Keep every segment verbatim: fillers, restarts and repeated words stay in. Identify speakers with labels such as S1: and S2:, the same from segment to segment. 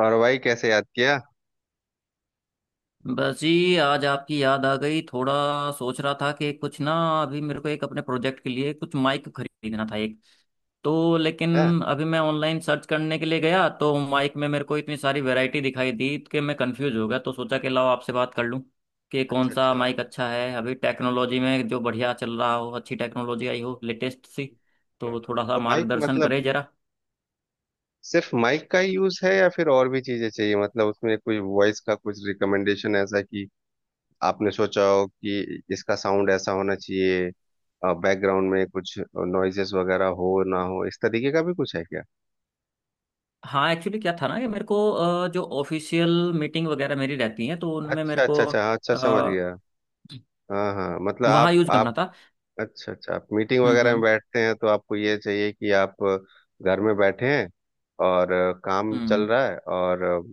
S1: और भाई कैसे याद किया
S2: बस जी आज आपकी याद आ गई थोड़ा। सोच रहा था कि कुछ ना। अभी मेरे को एक अपने प्रोजेक्ट के लिए कुछ माइक खरीदना था एक। तो लेकिन
S1: है।
S2: अभी मैं ऑनलाइन सर्च करने के लिए गया तो माइक में मेरे को इतनी सारी वैरायटी दिखाई दी कि मैं कंफ्यूज हो गया, तो सोचा कि लाओ आपसे बात कर लूं कि कौन
S1: अच्छा
S2: सा
S1: अच्छा।
S2: माइक अच्छा है। अभी टेक्नोलॉजी में जो बढ़िया चल रहा हो, अच्छी टेक्नोलॉजी आई हो, लेटेस्ट सी।
S1: हम्म।
S2: तो थोड़ा सा
S1: तो माइक
S2: मार्गदर्शन
S1: मतलब
S2: करे जरा।
S1: सिर्फ माइक का ही यूज है या फिर और भी चीजें चाहिए? मतलब उसमें कोई वॉइस का कुछ रिकमेंडेशन ऐसा कि आपने सोचा हो कि इसका साउंड ऐसा होना चाहिए, बैकग्राउंड में कुछ नॉइजेस वगैरह हो ना हो, इस तरीके का भी कुछ है क्या?
S2: हाँ एक्चुअली क्या था ना कि मेरे को अ, जो ऑफिशियल मीटिंग वगैरह मेरी रहती है तो उनमें मेरे
S1: अच्छा
S2: को
S1: अच्छा अच्छा, हाँ, अच्छा समझ गया। हाँ हाँ, मतलब आप
S2: वहां यूज
S1: आप
S2: करना था।
S1: अच्छा अच्छा, आप मीटिंग
S2: हम्म।
S1: वगैरह में
S2: हम्म।
S1: बैठते हैं तो आपको ये चाहिए कि आप घर में बैठे हैं और काम चल
S2: हम्म।
S1: रहा है, और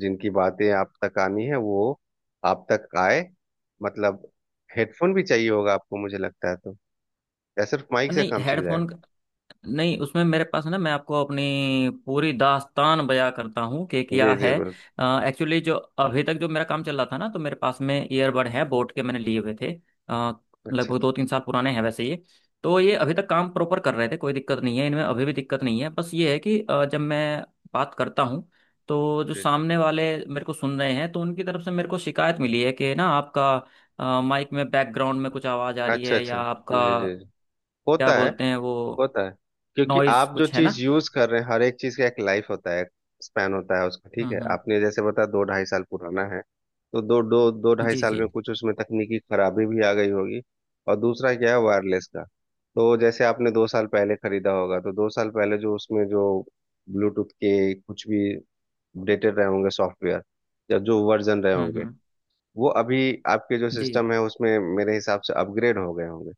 S1: जिनकी बातें आप तक आनी है वो आप तक आए, मतलब हेडफोन भी चाहिए होगा आपको मुझे लगता है, तो या सिर्फ माइक से
S2: नहीं
S1: काम चल जाएगा?
S2: हेडफोन नहीं, उसमें मेरे पास ना, मैं आपको अपनी पूरी दास्तान बयां करता हूँ कि क्या
S1: जी
S2: है।
S1: जी बिल्कुल।
S2: एक्चुअली जो अभी तक जो मेरा काम चल रहा था ना तो मेरे पास में ईयरबड है, बोट के मैंने लिए हुए थे। अ,
S1: अच्छा
S2: लगभग
S1: अच्छा
S2: दो तीन साल पुराने हैं वैसे ये। तो ये अभी तक काम प्रॉपर कर रहे थे, कोई दिक्कत नहीं है इनमें, अभी भी दिक्कत नहीं है, बस ये है कि अ, जब मैं बात करता हूँ तो जो
S1: जी।
S2: सामने वाले मेरे को सुन रहे हैं तो उनकी तरफ से मेरे को शिकायत मिली है कि ना, आपका माइक में बैकग्राउंड में कुछ आवाज़ आ रही
S1: अच्छा
S2: है या
S1: अच्छा
S2: आपका
S1: जी जी जी।
S2: क्या
S1: होता है।
S2: बोलते हैं वो,
S1: होता है, क्योंकि
S2: नॉइज
S1: आप जो
S2: कुछ है
S1: चीज
S2: ना।
S1: यूज कर रहे हैं हर एक चीज का एक लाइफ होता है, स्पैन होता है उसका। ठीक है,
S2: हम्म। हम्म।
S1: आपने जैसे बताया दो ढाई साल पुराना है, तो दो दो दो ढाई
S2: जी
S1: साल
S2: जी।
S1: में कुछ उसमें तकनीकी खराबी भी आ गई होगी। और दूसरा क्या है, वायरलेस का, तो जैसे आपने दो साल पहले खरीदा होगा, तो दो साल पहले जो उसमें जो ब्लूटूथ के कुछ भी अपडेटेड रहे होंगे सॉफ्टवेयर या जो वर्जन रहे
S2: हम्म।
S1: होंगे,
S2: हम्म।
S1: वो अभी आपके जो
S2: जी
S1: सिस्टम है उसमें मेरे हिसाब से अपग्रेड हो गए होंगे।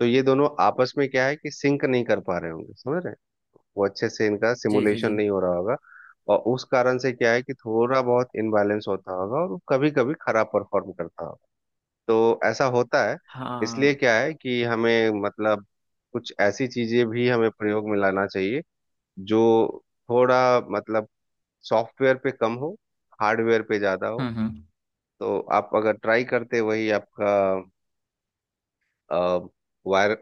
S1: तो ये दोनों आपस में क्या है कि सिंक नहीं कर पा रहे होंगे, समझ रहे हैं, वो अच्छे से इनका
S2: जी जी
S1: सिमुलेशन
S2: जी।
S1: नहीं हो रहा होगा। और उस कारण से क्या है कि थोड़ा बहुत इनबैलेंस होता होगा और कभी कभी खराब परफॉर्म करता होगा। तो ऐसा होता है। इसलिए
S2: हाँ।
S1: क्या है कि हमें मतलब कुछ ऐसी चीजें भी हमें प्रयोग में लाना चाहिए जो थोड़ा मतलब सॉफ्टवेयर पे कम हो, हार्डवेयर पे ज्यादा हो।
S2: हम्म। हम्म।
S1: तो आप अगर ट्राई करते वही आपका अ, वायर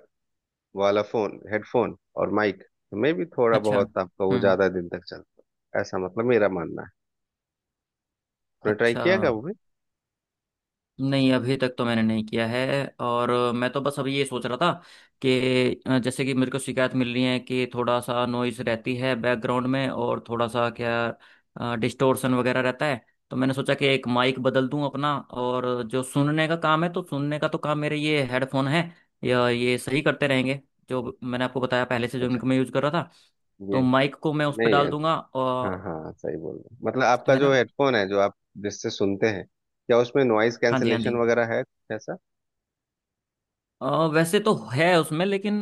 S1: वाला फोन हेडफोन और माइक में भी थोड़ा
S2: अच्छा।
S1: बहुत आपका वो
S2: हम्म।
S1: ज्यादा दिन तक चलता है, ऐसा मतलब मेरा मानना है। आपने ट्राई
S2: अच्छा।
S1: किया क्या वो भी?
S2: नहीं अभी तक तो मैंने नहीं किया है, और मैं तो बस अभी ये सोच रहा था कि अ, जैसे कि मेरे को शिकायत मिल रही है कि थोड़ा सा नॉइज रहती है बैकग्राउंड में और थोड़ा सा क्या डिस्टोर्शन वगैरह रहता है, तो मैंने सोचा कि एक माइक बदल दूं अपना, और जो सुनने का काम है तो सुनने का तो काम मेरे ये हेडफोन है या ये सही करते रहेंगे, जो मैंने आपको बताया पहले से जो
S1: अच्छा
S2: इनको मैं यूज कर रहा था,
S1: जी।
S2: तो माइक को मैं उस पर
S1: नहीं।
S2: डाल दूंगा
S1: हाँ
S2: और,
S1: हाँ सही बोल रहे हैं। मतलब आपका
S2: है
S1: जो
S2: ना।
S1: हेडफोन है जो आप जिससे सुनते हैं, क्या उसमें नॉइज
S2: हाँ जी, हाँ
S1: कैंसलेशन
S2: जी।
S1: वगैरह है कुछ ऐसा?
S2: अ, वैसे तो है उसमें, लेकिन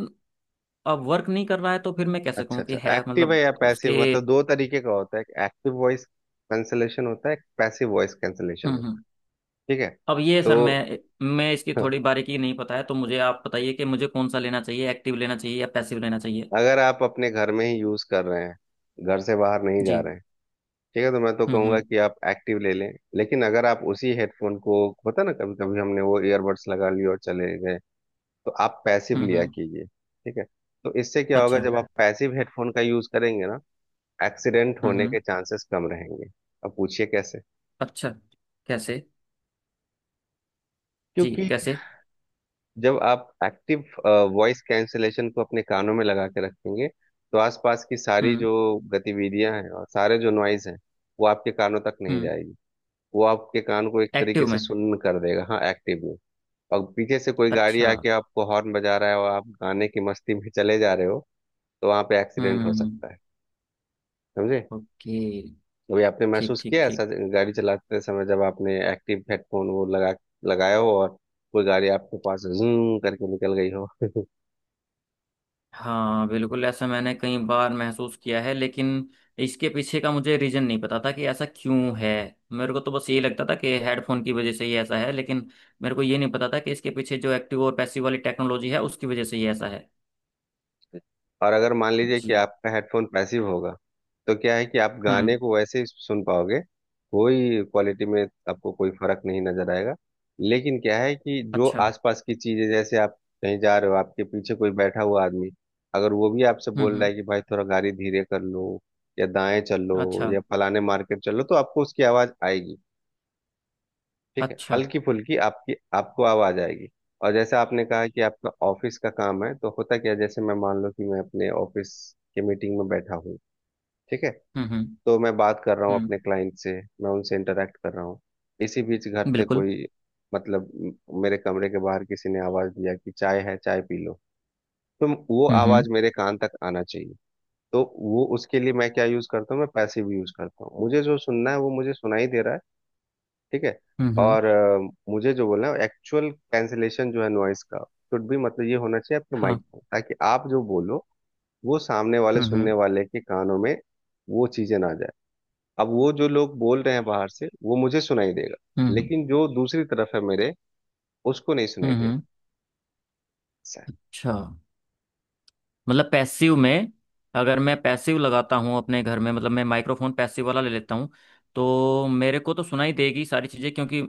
S2: अब वर्क नहीं कर रहा है तो फिर मैं कैसे
S1: अच्छा
S2: कहूँ कि
S1: अच्छा,
S2: है,
S1: एक्टिव है
S2: मतलब
S1: या
S2: उसके।
S1: पैसिव? मतलब दो तरीके का होता है, एक्टिव वॉइस कैंसलेशन होता है, पैसिव वॉइस कैंसलेशन
S2: हम्म।
S1: होता
S2: हम्म।
S1: है। ठीक है।
S2: अब ये सर
S1: तो
S2: मैं मैं इसकी थोड़ी बारीकी नहीं पता है, तो मुझे आप बताइए कि मुझे कौन सा लेना चाहिए, एक्टिव लेना चाहिए या पैसिव लेना चाहिए।
S1: अगर आप अपने घर में ही यूज कर रहे हैं, घर से बाहर नहीं
S2: जी।
S1: जा रहे हैं, ठीक है, तो मैं तो
S2: हम्म
S1: कहूंगा
S2: हम्म।
S1: कि आप एक्टिव ले लें। लेकिन अगर आप उसी हेडफोन को, होता ना, कभी कभी हमने वो ईयरबड्स लगा लिए और चले गए, तो आप पैसिव
S2: हम्म
S1: लिया
S2: हम्म।
S1: कीजिए। ठीक है। तो इससे क्या होगा,
S2: अच्छा।
S1: जब आप पैसिव हेडफोन का यूज करेंगे ना, एक्सीडेंट
S2: हम्म
S1: होने के
S2: हम्म।
S1: चांसेस कम रहेंगे। अब पूछिए कैसे।
S2: अच्छा, कैसे? जी,
S1: क्योंकि
S2: कैसे?
S1: जब आप एक्टिव वॉइस कैंसलेशन को अपने कानों में लगा के रखेंगे, तो आसपास की सारी
S2: हम्म
S1: जो गतिविधियां हैं और सारे जो नॉइज हैं, वो आपके कानों तक नहीं
S2: हम्म।
S1: जाएगी। वो आपके कान को एक तरीके
S2: एक्टिव
S1: से
S2: में।
S1: सुन्न कर देगा, हाँ, एक्टिव में। और पीछे से कोई गाड़ी
S2: अच्छा।
S1: आके आपको हॉर्न बजा रहा है और आप गाने की मस्ती में चले जा रहे हो, तो वहां पे एक्सीडेंट
S2: हम्म
S1: हो
S2: हम्म।
S1: सकता है। समझे।
S2: ओके।
S1: अभी आपने
S2: ठीक
S1: महसूस
S2: ठीक
S1: किया ऐसा,
S2: ठीक।
S1: गाड़ी चलाते समय जब आपने एक्टिव हेडफोन वो लगा लगाया हो और कोई गाड़ी आपके पास जूम करके निकल गई हो?
S2: हाँ बिल्कुल, ऐसा मैंने कई बार महसूस किया है, लेकिन इसके पीछे का मुझे रीजन नहीं पता था कि ऐसा क्यों है। मेरे को तो बस यही लगता था कि हेडफोन की वजह से ही ऐसा है, लेकिन मेरे को ये नहीं पता था कि इसके पीछे जो एक्टिव और पैसिव वाली टेक्नोलॉजी है उसकी वजह से ही ऐसा है।
S1: और अगर मान लीजिए कि
S2: जी।
S1: आपका हेडफोन पैसिव होगा, तो क्या है कि आप गाने
S2: हम्म।
S1: को वैसे ही सुन पाओगे, कोई क्वालिटी में आपको कोई फर्क नहीं नजर आएगा। लेकिन क्या है कि जो
S2: अच्छा।
S1: आसपास की चीजें, जैसे आप कहीं जा रहे हो, आपके पीछे कोई बैठा हुआ आदमी अगर वो भी आपसे
S2: हम्म
S1: बोल रहा
S2: हम्म।
S1: है कि भाई थोड़ा गाड़ी धीरे कर लो या दाएं चल लो
S2: अच्छा।
S1: या फलाने मार्केट चलो, तो आपको उसकी आवाज आएगी। ठीक है,
S2: अच्छा।
S1: हल्की फुल्की आपकी आपको आवाज आएगी। और जैसे आपने कहा कि आपका ऑफिस का काम है, तो होता क्या है, जैसे मैं मान लो कि मैं अपने ऑफिस के मीटिंग में बैठा हूँ, ठीक है,
S2: हम्म हम्म।
S1: तो मैं बात कर रहा हूँ
S2: हम्म।
S1: अपने क्लाइंट से, मैं उनसे इंटरेक्ट कर रहा हूँ, इसी बीच घर से
S2: बिल्कुल।
S1: कोई, मतलब म- मेरे कमरे के बाहर किसी ने आवाज दिया कि चाय है चाय पी लो, तो वो
S2: हम्म
S1: आवाज
S2: हम्म।
S1: मेरे कान तक आना चाहिए। तो वो उसके लिए मैं क्या यूज करता हूँ, मैं पैसिव यूज करता हूँ, मुझे जो सुनना है वो मुझे सुनाई दे रहा है। ठीक है।
S2: हम्म हम्म।
S1: और अ, मुझे जो बोलना है, एक्चुअल कैंसिलेशन जो है नॉइस का, शुड भी मतलब ये होना चाहिए आपके माइक
S2: हाँ।
S1: में, ताकि आप जो बोलो वो सामने वाले
S2: हम्म
S1: सुनने
S2: हम्म।
S1: वाले के कानों में वो चीजें ना जाए। अब वो जो लोग बोल रहे हैं बाहर से वो मुझे सुनाई देगा,
S2: हम्म
S1: लेकिन जो दूसरी तरफ है मेरे, उसको नहीं सुनाई
S2: हम्म।
S1: देगा। ऐसा है।
S2: अच्छा, मतलब पैसिव में, अगर मैं पैसिव लगाता हूँ अपने घर में, मतलब मैं माइक्रोफोन पैसिव वाला ले लेता हूँ, तो मेरे को तो सुनाई देगी सारी चीज़ें क्योंकि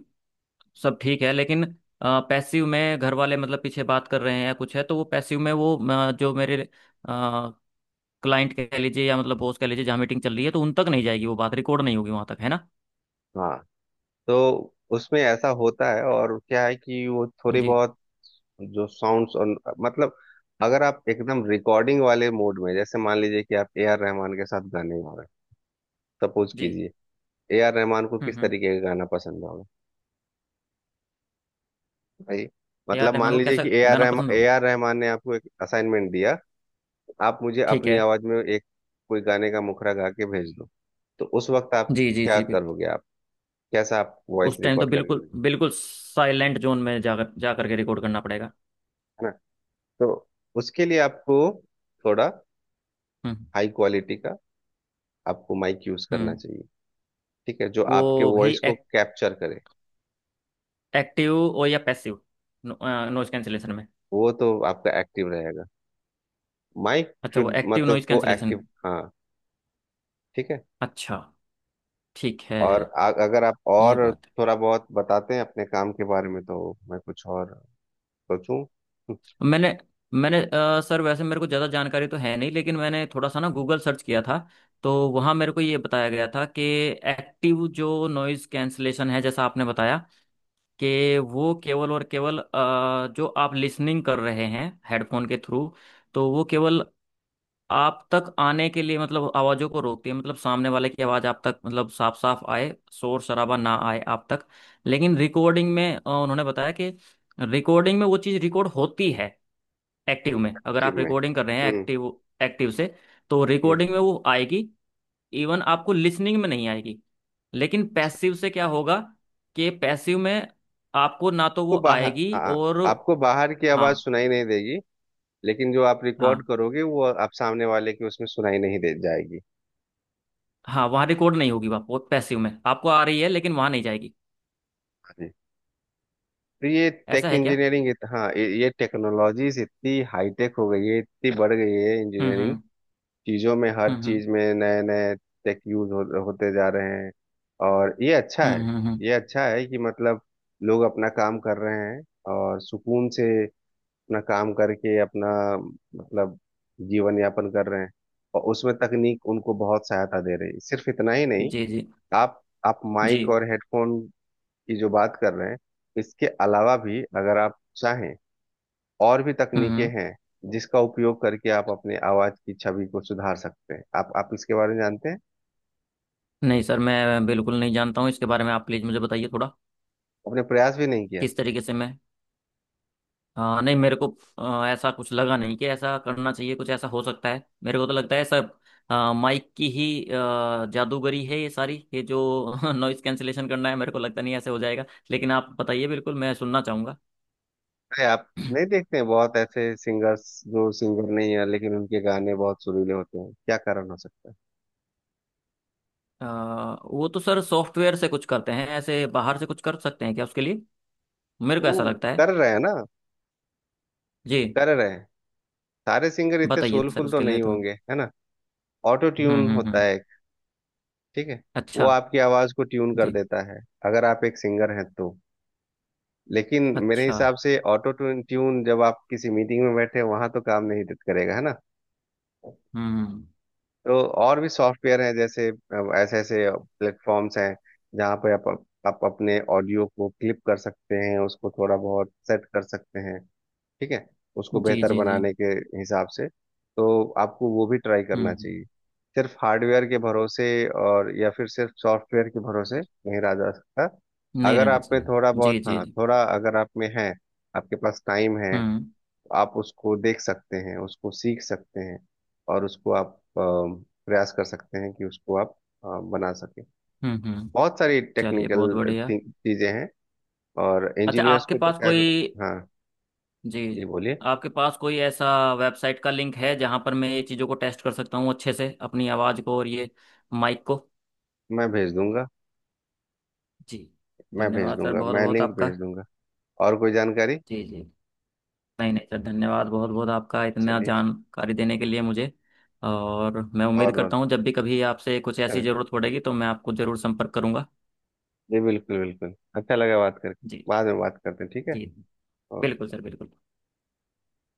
S2: सब ठीक है, लेकिन पैसिव में घर वाले मतलब पीछे बात कर रहे हैं या कुछ है तो वो पैसिव में वो अ, जो मेरे क्लाइंट कह लीजिए या मतलब बॉस कह लीजिए जहाँ मीटिंग चल रही है तो उन तक नहीं जाएगी वो बात, रिकॉर्ड नहीं होगी वहाँ तक, है ना।
S1: हाँ, तो उसमें ऐसा होता है। और क्या है कि वो थोड़ी
S2: जी
S1: बहुत जो साउंड्स और मतलब अगर आप एकदम रिकॉर्डिंग वाले मोड में, जैसे मान लीजिए कि आप ए आर रहमान के साथ गाने गा रहे हैं, सपोज
S2: जी।
S1: कीजिए, ए आर रहमान को
S2: हम्म
S1: किस
S2: हम्म।
S1: तरीके का गाना पसंद होगा भाई।
S2: ए आर
S1: मतलब
S2: रहमान
S1: मान
S2: को
S1: लीजिए
S2: कैसा
S1: कि ए आर
S2: गाना
S1: रहमान
S2: पसंद
S1: ए
S2: होगा?
S1: आर रहमान ने आपको एक असाइनमेंट दिया, आप मुझे
S2: ठीक
S1: अपनी
S2: है।
S1: आवाज में एक कोई गाने का मुखड़ा गा के भेज दो, तो उस वक्त आप
S2: जी जी
S1: क्या
S2: जी, बिल्कुल।
S1: करोगे, आप कैसा आप वॉइस
S2: उस टाइम तो
S1: रिकॉर्ड करके
S2: बिल्कुल
S1: भेजोगे?
S2: बिल्कुल साइलेंट जोन में जाकर जा करके रिकॉर्ड करना पड़ेगा।
S1: है ना। तो उसके लिए आपको थोड़ा
S2: हम्म
S1: हाई क्वालिटी का आपको माइक यूज करना
S2: हम्म।
S1: चाहिए, ठीक है, जो आपके
S2: वो भी
S1: वॉइस को
S2: एक,
S1: कैप्चर करे।
S2: एक्टिव और या पैसिव नॉइज कैंसिलेशन में।
S1: वो तो आपका एक्टिव रहेगा, माइक
S2: अच्छा, वो
S1: शुड
S2: एक्टिव
S1: मतलब
S2: नॉइज
S1: को
S2: कैंसिलेशन।
S1: एक्टिव, हाँ। ठीक है।
S2: अच्छा। ठीक है।
S1: और आ, अगर आप
S2: ये
S1: और
S2: बात है।
S1: थोड़ा बहुत बताते हैं अपने काम के बारे में तो मैं कुछ और सोचूं।
S2: मैंने मैंने अ, सर वैसे मेरे को ज़्यादा जानकारी तो है नहीं, लेकिन मैंने थोड़ा सा ना गूगल सर्च किया था, तो वहाँ मेरे को ये बताया गया था कि एक्टिव जो नॉइज़ कैंसिलेशन है, जैसा आपने बताया, कि वो केवल और केवल अ, जो आप लिसनिंग कर रहे हैं हेडफोन के थ्रू, तो वो केवल आप तक आने के लिए मतलब आवाजों को रोकती है, मतलब सामने वाले की आवाज आप तक मतलब साफ साफ आए, शोर शराबा ना आए आप तक। लेकिन रिकॉर्डिंग में अ, उन्होंने बताया कि रिकॉर्डिंग में वो चीज रिकॉर्ड होती है एक्टिव में। अगर
S1: टीम
S2: आप
S1: में
S2: रिकॉर्डिंग कर रहे हैं
S1: हम्म।
S2: एक्टिव एक्टिव से, तो
S1: हम्म।
S2: रिकॉर्डिंग में वो आएगी, इवन आपको लिसनिंग में नहीं आएगी। लेकिन पैसिव से क्या होगा कि पैसिव में आपको ना तो
S1: तो
S2: वो
S1: बाहर आ,
S2: आएगी और,
S1: आपको बाहर की
S2: हाँ।
S1: आवाज सुनाई नहीं देगी, लेकिन जो आप
S2: हाँ,
S1: रिकॉर्ड करोगे वो आप सामने वाले की उसमें सुनाई नहीं दे जाएगी।
S2: हाँ, वहाँ रिकॉर्ड नहीं होगी, वो पैसिव में आपको आ रही है लेकिन वहाँ नहीं जाएगी।
S1: जी, तो ये
S2: ऐसा
S1: टेक
S2: है क्या?
S1: इंजीनियरिंग, हाँ, ये टेक्नोलॉजीज इतनी हाईटेक हो गई है, इतनी बढ़ गई है
S2: हम्म
S1: इंजीनियरिंग
S2: हम्म।
S1: चीज़ों में, हर
S2: हम्म हम्म।
S1: चीज़ में नए नए टेक यूज हो, होते जा रहे हैं। और ये अच्छा
S2: हम्म
S1: है।
S2: हम्म। हम्म।
S1: ये अच्छा है कि मतलब लोग अपना काम कर रहे हैं और सुकून से अपना काम करके अपना मतलब जीवन यापन कर रहे हैं, और उसमें तकनीक उनको बहुत सहायता दे रही है। सिर्फ इतना ही नहीं,
S2: जी जी
S1: आप आप माइक
S2: जी।
S1: और हेडफोन की जो बात कर रहे हैं, इसके अलावा भी अगर आप चाहें और भी
S2: हम्म
S1: तकनीकें
S2: हम्म।
S1: हैं, जिसका उपयोग करके आप अपने आवाज की छवि को सुधार सकते हैं। आप आप इसके बारे में जानते हैं,
S2: नहीं सर, मैं बिल्कुल नहीं जानता हूँ इसके बारे में, आप प्लीज़ मुझे बताइए थोड़ा
S1: अपने प्रयास भी नहीं किया?
S2: किस तरीके से मैं। हाँ नहीं मेरे को, अ, ऐसा कुछ लगा नहीं कि ऐसा करना चाहिए, कुछ ऐसा हो सकता है, मेरे को तो लगता है सब अ, माइक की ही अ, जादूगरी है ये सारी, ये जो नॉइस कैंसिलेशन करना है मेरे को लगता नहीं ऐसे हो जाएगा। लेकिन आप बताइए, बिल्कुल मैं सुनना चाहूँगा।
S1: अरे आप नहीं देखते हैं बहुत ऐसे सिंगर्स जो सिंगर नहीं है लेकिन उनके गाने बहुत सुरीले होते हैं, क्या कारण हो सकता है?
S2: आ, वो तो सर सॉफ्टवेयर से कुछ करते हैं ऐसे, बाहर से कुछ कर सकते हैं क्या उसके लिए? मेरे को
S1: वो
S2: ऐसा लगता है।
S1: कर रहे हैं ना,
S2: जी।
S1: कर रहे हैं। सारे सिंगर इतने
S2: बताइए सर
S1: सोलफुल तो
S2: उसके लिए
S1: नहीं
S2: तो। हम्म
S1: होंगे, है ना। ऑटो ट्यून
S2: हम्म।
S1: होता
S2: हम्म।
S1: है एक, ठीक है, वो
S2: अच्छा।
S1: आपकी आवाज को ट्यून कर
S2: जी।
S1: देता है, अगर आप एक सिंगर हैं तो। लेकिन मेरे
S2: अच्छा।
S1: हिसाब से ऑटो ट्यून ट्यून जब आप किसी मीटिंग में बैठे वहां तो काम नहीं दे- करेगा, है ना।
S2: हम्म।
S1: तो और भी सॉफ्टवेयर हैं, जैसे अ, ऐसे ऐसे प्लेटफॉर्म्स हैं जहाँ पे आप आप अपने ऑडियो को क्लिप कर सकते हैं, उसको थोड़ा बहुत सेट कर सकते हैं, ठीक है, उसको
S2: जी
S1: बेहतर
S2: जी जी।
S1: बनाने के हिसाब से। तो आपको वो भी ट्राई
S2: हम्म
S1: करना
S2: हम्म।
S1: चाहिए, सिर्फ हार्डवेयर के भरोसे और या फिर सिर्फ सॉफ्टवेयर के भरोसे नहीं रहा जा सकता।
S2: नहीं
S1: अगर
S2: रहना
S1: आप में
S2: चाहिए।
S1: थोड़ा बहुत,
S2: जी जी
S1: हाँ,
S2: जी।
S1: थोड़ा अगर आप में है, आपके पास टाइम है,
S2: हम्म।
S1: तो आप उसको देख सकते हैं, उसको सीख सकते हैं, और उसको आप अ, प्रयास कर सकते हैं कि उसको आप अ, बना सके।
S2: हम्म हम्म।
S1: बहुत सारी
S2: चलिए, बहुत
S1: टेक्निकल
S2: बढ़िया।
S1: चीजें हैं, और
S2: अच्छा
S1: इंजीनियर्स
S2: आपके
S1: को तो
S2: पास कोई।
S1: खैर, हाँ। जी
S2: जी।
S1: बोलिए।
S2: आपके पास कोई ऐसा वेबसाइट का लिंक है जहां पर मैं ये चीज़ों को टेस्ट कर सकता हूँ अच्छे से, अपनी आवाज़ को और ये माइक को।
S1: मैं भेज दूंगा।
S2: जी।
S1: मैं भेज
S2: धन्यवाद सर,
S1: दूंगा
S2: बहुत
S1: मैं
S2: बहुत
S1: लिंक
S2: आपका।
S1: भेज दूंगा। और कोई जानकारी?
S2: जी जी। नहीं नहीं सर, धन्यवाद बहुत बहुत आपका, इतना
S1: चलिए,
S2: जानकारी देने के लिए मुझे। और मैं उम्मीद
S1: बहुत बहुत,
S2: करता हूँ जब भी कभी आपसे कुछ ऐसी
S1: अरे,
S2: ज़रूरत पड़ेगी तो मैं आपको ज़रूर संपर्क करूँगा।
S1: जी बिल्कुल बिल्कुल, अच्छा लगा बात करके,
S2: जी।
S1: बाद में बात करते हैं, ठीक है।
S2: जी। बिल्कुल सर,
S1: ओके।
S2: बिल्कुल।